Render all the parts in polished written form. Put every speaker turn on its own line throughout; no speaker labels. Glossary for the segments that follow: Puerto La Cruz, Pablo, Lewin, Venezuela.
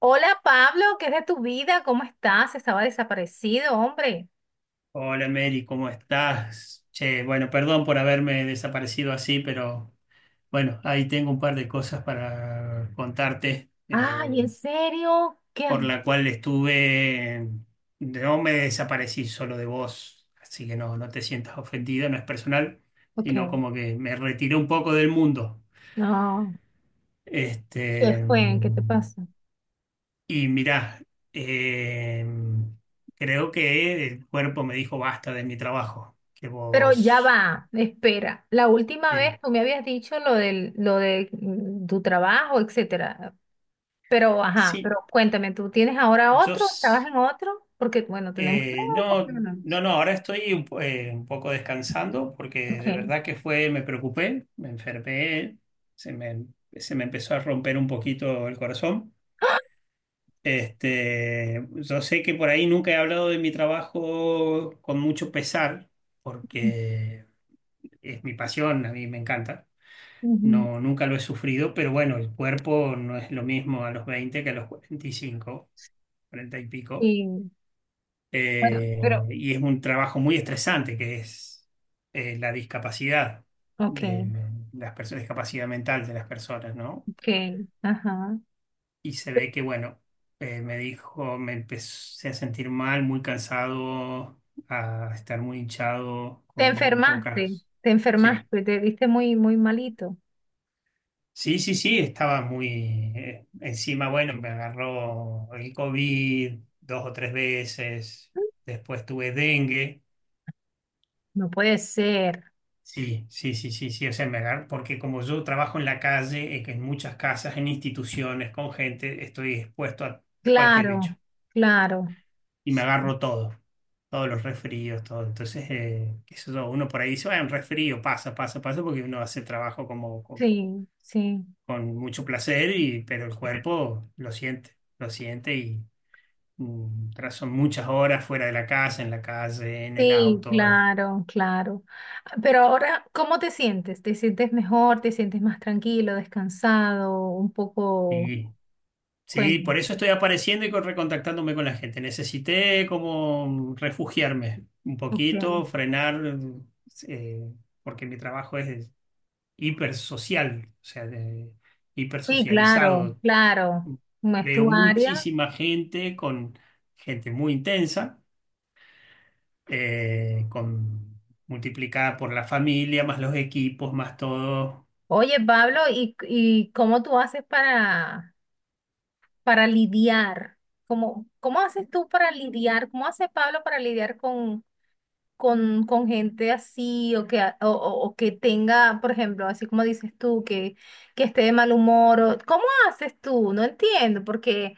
Hola Pablo, ¿qué es de tu vida? ¿Cómo estás? Estaba desaparecido, hombre.
Hola Mary, ¿cómo estás? Che, bueno, perdón por haberme desaparecido así, pero bueno, ahí tengo un par de cosas para contarte,
Ay, ¿en serio? ¿Qué
por
hay?
la cual estuve, no me desaparecí solo de vos, así que no, no te sientas ofendida, no es personal, sino
Ok,
como que me retiré un poco del mundo.
no. ¿Qué
Este,
fue? ¿Qué te pasa?
y mirá, eh, creo que el cuerpo me dijo basta de mi trabajo, que
Pero ya
vos...
va, espera. La última
Sí.
vez tú me habías dicho lo del, lo de tu trabajo, etcétera. Pero, ajá,
Sí,
pero cuéntame, ¿tú tienes ahora
yo
otro? ¿Estabas
s-
en otro? Porque, bueno, tenemos. No, ¿por qué no?
no, no,
Hablamos.
no, ahora estoy un poco descansando porque de
Ok.
verdad que fue, me preocupé, me enfermé, se me, se me empezó a romper un poquito el corazón. Este, yo sé que por ahí nunca he hablado de mi trabajo con mucho pesar porque es mi pasión, a mí me encanta.
Ujú.
No, nunca lo he sufrido, pero bueno, el cuerpo no es lo mismo a los 20 que a los 45, 40 y pico.
Sí. Bueno,
eh,
pero,
y es un trabajo muy estresante, que es la discapacidad
ok,
de las personas, discapacidad mental de las personas, ¿no?
ok, ajá.
Y se ve que, bueno, me dijo, me empecé a sentir mal, muy cansado, a estar muy hinchado,
Te
con muy
enfermaste,
pocas.
te
Sí.
enfermaste, te viste muy, muy malito.
Sí, sí, sí, estaba muy encima, bueno, me agarró el COVID dos o tres veces, después tuve dengue.
No puede ser.
Sí, sí, sí, sí, sí, o sea, porque como yo trabajo en la calle, que en muchas casas, en instituciones, con gente, estoy expuesto a cualquier bicho
Claro, claro.
y me
Sí,
agarro todo, todos los resfríos, todo. Entonces, qué sé yo, uno por ahí dice, bueno, un resfrío pasa, pasa, pasa, porque uno hace trabajo como
sí, sí,
con mucho placer, y, pero el cuerpo lo siente y tras son muchas horas fuera de la casa, en la calle, en el
sí,
auto,
claro, claro. Pero ahora, ¿cómo te sientes? ¿Te sientes mejor? ¿Te sientes más tranquilo, descansado? Un poco,
y. Sí,
cuéntame.
por eso estoy apareciendo y recontactándome con la gente. Necesité como refugiarme un
Ok.
poquito, frenar, eh, porque mi trabajo es hipersocial, o sea,
Sí, claro,
hipersocializado.
claro. No es
Veo
tu área.
muchísima gente con gente muy intensa, con multiplicada por la familia, más los equipos, más todo.
Oye, Pablo, ¿y cómo tú haces para lidiar? ¿Cómo, cómo haces tú para lidiar? ¿Cómo hace Pablo para lidiar con gente así o que, a- o que tenga, por ejemplo, así como dices tú, que esté de mal humor? O- ¿cómo haces tú? No entiendo, porque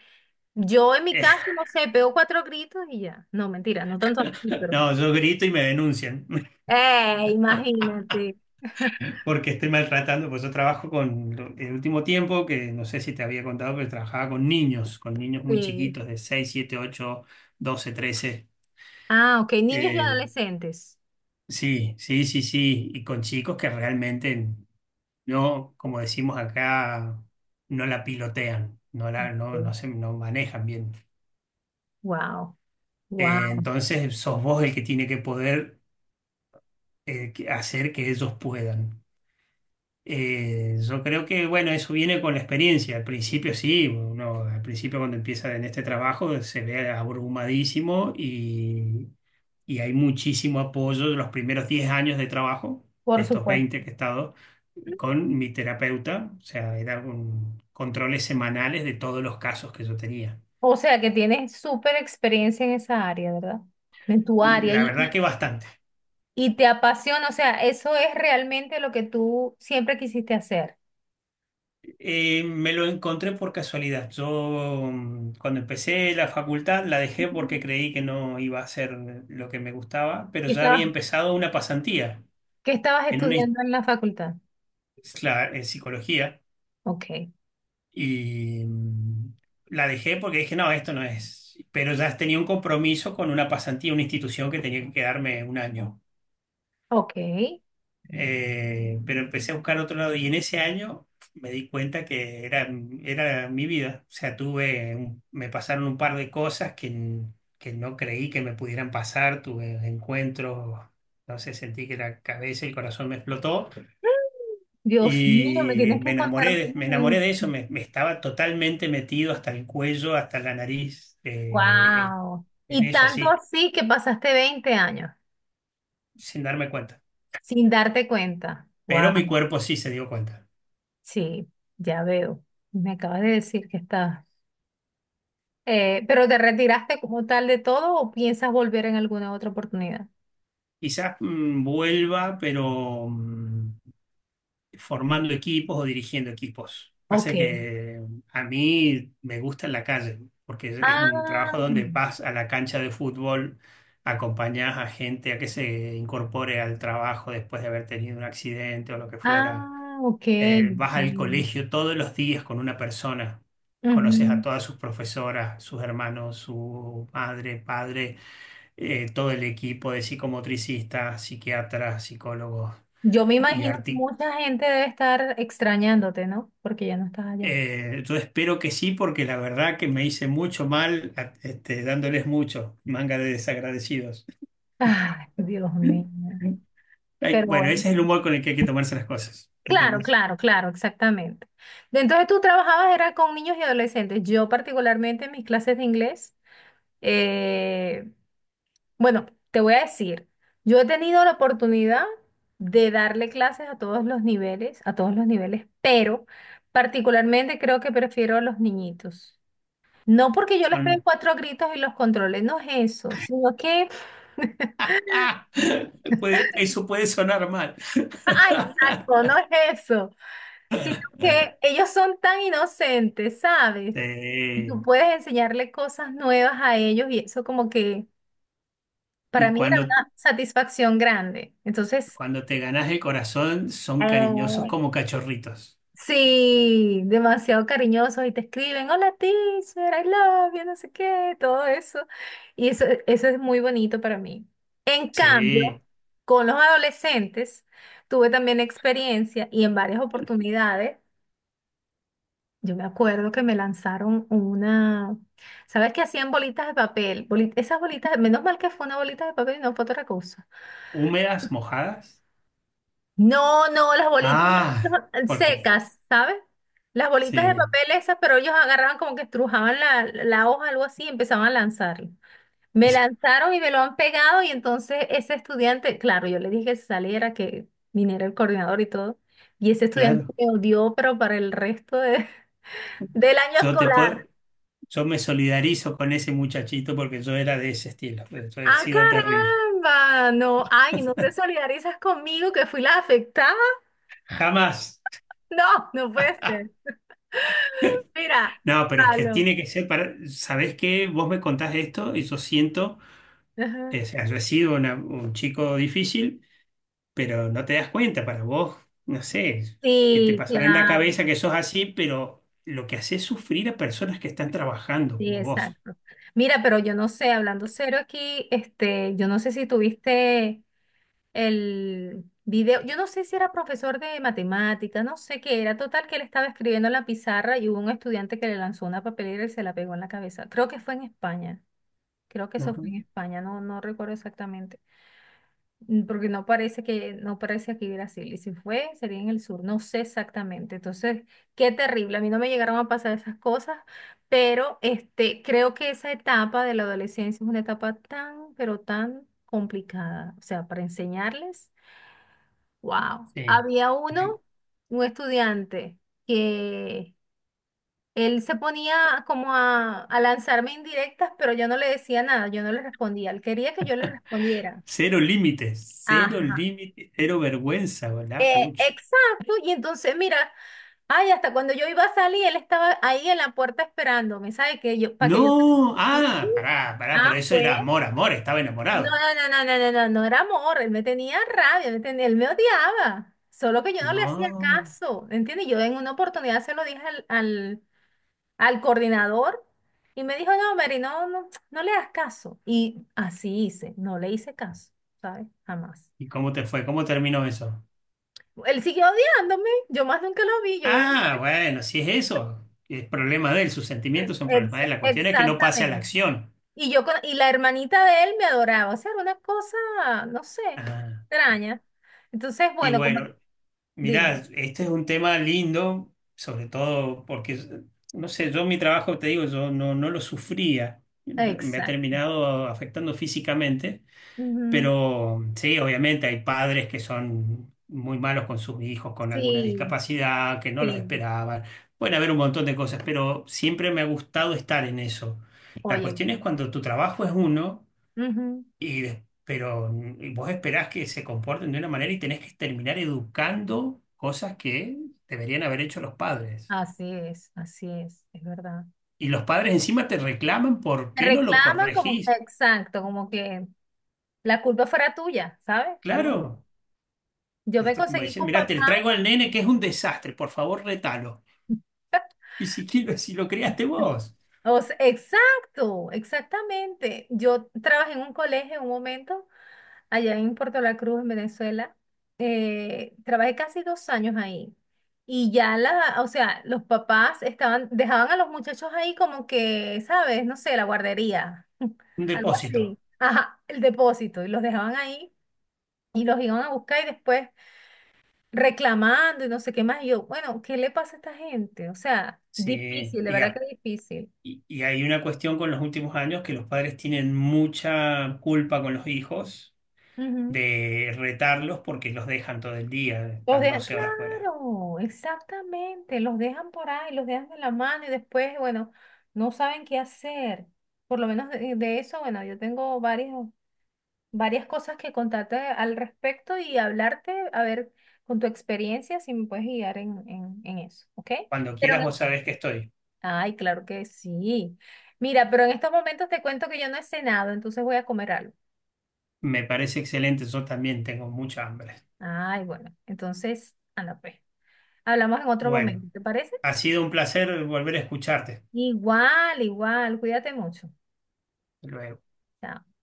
yo en mi caso, no sé, pego cuatro gritos y ya. No, mentira, no tanto así, pero...
No, yo grito y me denuncian.
¡Eh, imagínate!
Porque estoy maltratando, pues yo trabajo con, el último tiempo, que no sé si te había contado, pero trabajaba con niños muy
Sí.
chiquitos, de 6, 7, 8, 12, 13.
Ah, ok, niños y
Eh,
adolescentes.
sí, sí, sí, sí, y con chicos que realmente no, como decimos acá, no la pilotean, no, no manejan bien.
Wow, wow,
Entonces sos vos el que tiene que poder hacer que ellos puedan. Yo creo que, bueno, eso viene con la experiencia. Al principio sí, uno al principio cuando empieza en este trabajo se ve abrumadísimo y hay muchísimo apoyo de los primeros 10 años de trabajo, de
por
estos 20
supuesto.
que he estado, con mi terapeuta. O sea, eran controles semanales de todos los casos que yo tenía.
O sea que tienes súper experiencia en esa área, ¿verdad? En tu área
La verdad que
y te apasiona, o sea, eso es realmente lo que tú siempre quisiste hacer.
Me lo encontré por casualidad. Yo cuando empecé la facultad la dejé
Ujú.
porque creí que no iba a ser lo que me gustaba, pero
¿Qué
ya había
estabas,
empezado una pasantía
qué estabas
en una ins-
estudiando en la facultad?
cla- en psicología
Ok,
y la dejé porque dije, no, esto no es. Pero ya tenía un compromiso con una pasantía, una institución que tenía que quedarme un año.
ok.
Pero empecé a buscar otro lado y en ese año me di cuenta que era mi vida. O sea, me pasaron un par de cosas que, que no creí que me pudieran pasar. Tuve encuentros, no sé, sentí que la cabeza y el corazón me explotó
Dios mío, me
y
tienes
me
que contar
enamoré,
más
me
de
enamoré
eso.
de eso. Me estaba totalmente metido hasta el cuello, hasta la nariz, en
Wow. Y
eso
tanto
así,
así que pasaste 20 años
sin darme cuenta.
sin darte cuenta. Wow.
Pero mi cuerpo sí se dio cuenta.
Sí, ya veo. Me acabas de decir que estabas. ¿Pero te retiraste como tal de todo o piensas volver en alguna otra oportunidad?
Quizás vuelva, pero formando equipos o dirigiendo equipos.
Ok.
Pasa que a mí me gusta en la calle, porque es un trabajo
Ah,
donde vas a la cancha de fútbol, acompañás a gente a que se incorpore al trabajo después de haber tenido un accidente o lo que fuera.
ah, ok,
Vas al
ok.
colegio todos los días con una persona, conoces a
Ujú.
todas sus profesoras, sus hermanos, su madre, padre, todo el equipo de psicomotricistas, psiquiatras, psicólogos
Yo me
y
imagino que
arti
mucha gente debe estar extrañándote, ¿no? Porque ya no estás allá.
yo espero que sí, porque la verdad que me hice mucho mal, este, dándoles mucho, manga de desagradecidos.
Ay, Dios mío.
Ay,
Pero
bueno,
bueno.
ese es el humor con el que hay que tomarse las cosas,
Claro,
¿entendés?
claro, claro, exactamente. Entonces tú trabajabas era con niños y adolescentes. Yo particularmente en mis clases de inglés eh, bueno, te voy a decir, yo he tenido la oportunidad de darle clases a todos los niveles, a todos los niveles, pero particularmente creo que prefiero a los niñitos. No porque yo les pegue
Son...
cuatro gritos y los controle, no es eso, sino que,
¡Ah! Eso puede sonar mal.
ah, exacto, no es eso, sino que ellos son tan inocentes, ¿sabes? Y tú
Sí.
puedes enseñarle cosas nuevas a ellos y eso como que para
Y
mí era una satisfacción grande. Entonces...
cuando te ganas el corazón, son cariñosos
Eh,
como cachorritos.
sí, demasiado cariñosos y te escriben, hola teacher, I love you, no sé qué, todo eso. Y eso, eso es muy bonito para mí. En cambio,
Sí.
con los adolescentes tuve también experiencia y en varias oportunidades, yo me acuerdo que me lanzaron una, ¿sabes qué hacían bolitas de papel? Boli- esas bolitas, menos mal que fue una bolita de papel y no fue otra cosa.
¿Húmedas, mojadas?
No, no, las bolitas
Ah, porque
secas, ¿sabes? Las bolitas de
sí,
papel esas, pero ellos agarraban como que estrujaban la hoja, algo así, y empezaban a lanzarlo. Me lanzaron y me lo han pegado y entonces ese estudiante, claro, yo le dije que se saliera, que viniera el coordinador y todo, y ese estudiante
claro.
me odió, pero para el resto de- del año
Yo te
escolar.
puedo, yo me solidarizo con ese muchachito porque yo era de ese estilo. Yo he
¡Ah,
sido terrible.
caramba! No, ay, ¿no te solidarizas conmigo que fui la afectada?
Jamás.
No, no puede ser. Mira,
No, pero es que
palo.
tiene que ser para. ¿Sabés qué? Vos me contás esto y yo siento,
Ajá.
o sea, yo he sido un chico difícil, pero no te das cuenta. Para vos, no sé, que te
Sí,
pasará en la
claro,
cabeza que sos así, pero lo que haces es sufrir a personas que están trabajando
sí,
como vos.
exacto. Mira, pero yo no sé, hablando serio aquí, este, yo no sé si tuviste el video, yo no sé si era profesor de matemática. No sé qué era, total que él estaba escribiendo en la pizarra y hubo un estudiante que le lanzó una papelera y se la pegó en la cabeza. Creo que fue en España, creo que eso
Ajá.
fue en España, no, no recuerdo exactamente. Porque no parece que, no parece aquí Brasil. Y si fue, sería en el sur. No sé exactamente. Entonces, qué terrible. A mí no me llegaron a pasar esas cosas, pero este, creo que esa etapa de la adolescencia es una etapa tan, pero tan complicada. O sea, para enseñarles, wow.
Sí.
Había uno, un estudiante, que él se ponía como a lanzarme indirectas, pero yo no le decía nada, yo no le respondía. Él quería que yo le respondiera.
Cero límites, cero
Ajá.
límites, cero vergüenza, ¿verdad? Pucha.
Exacto, y entonces mira, ay, hasta cuando yo iba a salir, él estaba ahí en la puerta esperándome, ¿sabe? Que yo, para que yo
No,
salí.
ah, pará, pará, pero
Ah,
eso era
pues.
amor, amor, estaba enamorado.
No, no, no, no, no, no, no, no era amor, él me tenía rabia, me tenía- él me odiaba, solo que yo no le hacía
No.
caso, ¿entiendes? Yo en una oportunidad se lo dije al, al, al coordinador y me dijo, no, Mary, no, no, no le hagas caso. Y así hice, no le hice caso, ¿sabes? Jamás.
¿Y cómo te fue? ¿Cómo terminó eso?
Él siguió odiándome, yo más nunca lo vi, yo me.
Ah, bueno, si es eso, es problema de él, sus sentimientos son
Ex-
problemas de él, la cuestión es que no pase a la
exactamente.
acción.
Y yo con- y la hermanita de él me adoraba, o sea, era una cosa, no sé,
Ah,
extraña. Entonces,
y
bueno, como
bueno,
dime,
mirá, este es un tema lindo, sobre todo porque, no sé, yo mi trabajo, te digo, yo no, no lo sufría, me ha
exacto.
terminado afectando físicamente.
Ujú.
Pero sí, obviamente hay padres que son muy malos con sus hijos, con alguna
Sí,
discapacidad, que no los
sí,
esperaban. Pueden haber un montón de cosas, pero siempre me ha gustado estar en eso. La
oye,
cuestión es cuando tu trabajo es uno,
ujú.
y, pero vos esperás que se comporten de una manera y tenés que terminar educando cosas que deberían haber hecho los padres.
Así es verdad.
Y los padres encima te reclaman por
Te
qué no lo
reclaman como,
corregís.
exacto, como que la culpa fuera tuya, ¿sabes? Algo así.
Claro,
Yo me
esto es como
conseguí
dicen,
con
mirá, te traigo
papás.
al nene que es un desastre, por favor, retalo. Y si, si lo creaste vos,
O sea, exacto, exactamente. Yo trabajé en un colegio en un momento allá en Puerto La Cruz, en Venezuela. Trabajé casi 2 años ahí. Y ya la, o sea, los papás estaban, dejaban a los muchachos ahí como que, ¿sabes? No sé, la guardería,
un
algo
depósito.
así. Ajá, el depósito. Y los dejaban ahí y los iban a buscar y después reclamando y no sé qué más. Y yo, bueno, ¿qué le pasa a esta gente? O sea,
Sí,
difícil, de
y,
verdad que
a-
difícil.
y hay una cuestión con los últimos años que los padres tienen mucha culpa con los hijos
Ujú.
de retarlos porque los dejan todo el día,
Los
están
dejan,
12 horas fuera.
claro, exactamente, los dejan por ahí, los dejan de la mano y después, bueno, no saben qué hacer. Por lo menos de eso, bueno, yo tengo varias, varias cosas que contarte al respecto y hablarte, a ver, con tu experiencia, si me puedes guiar en eso, ¿ok?
Cuando
Pero en
quieras, vos
estos,
sabés que estoy.
ay, claro que sí. Mira, pero en estos momentos te cuento que yo no he cenado, entonces voy a comer algo.
Me parece excelente, yo también tengo mucha hambre.
Ay, bueno, entonces, anda pues. Hablamos en otro momento,
Bueno,
¿te parece?
ha sido un placer volver a escucharte.
Igual, igual, cuídate mucho.
Luego.
Chao.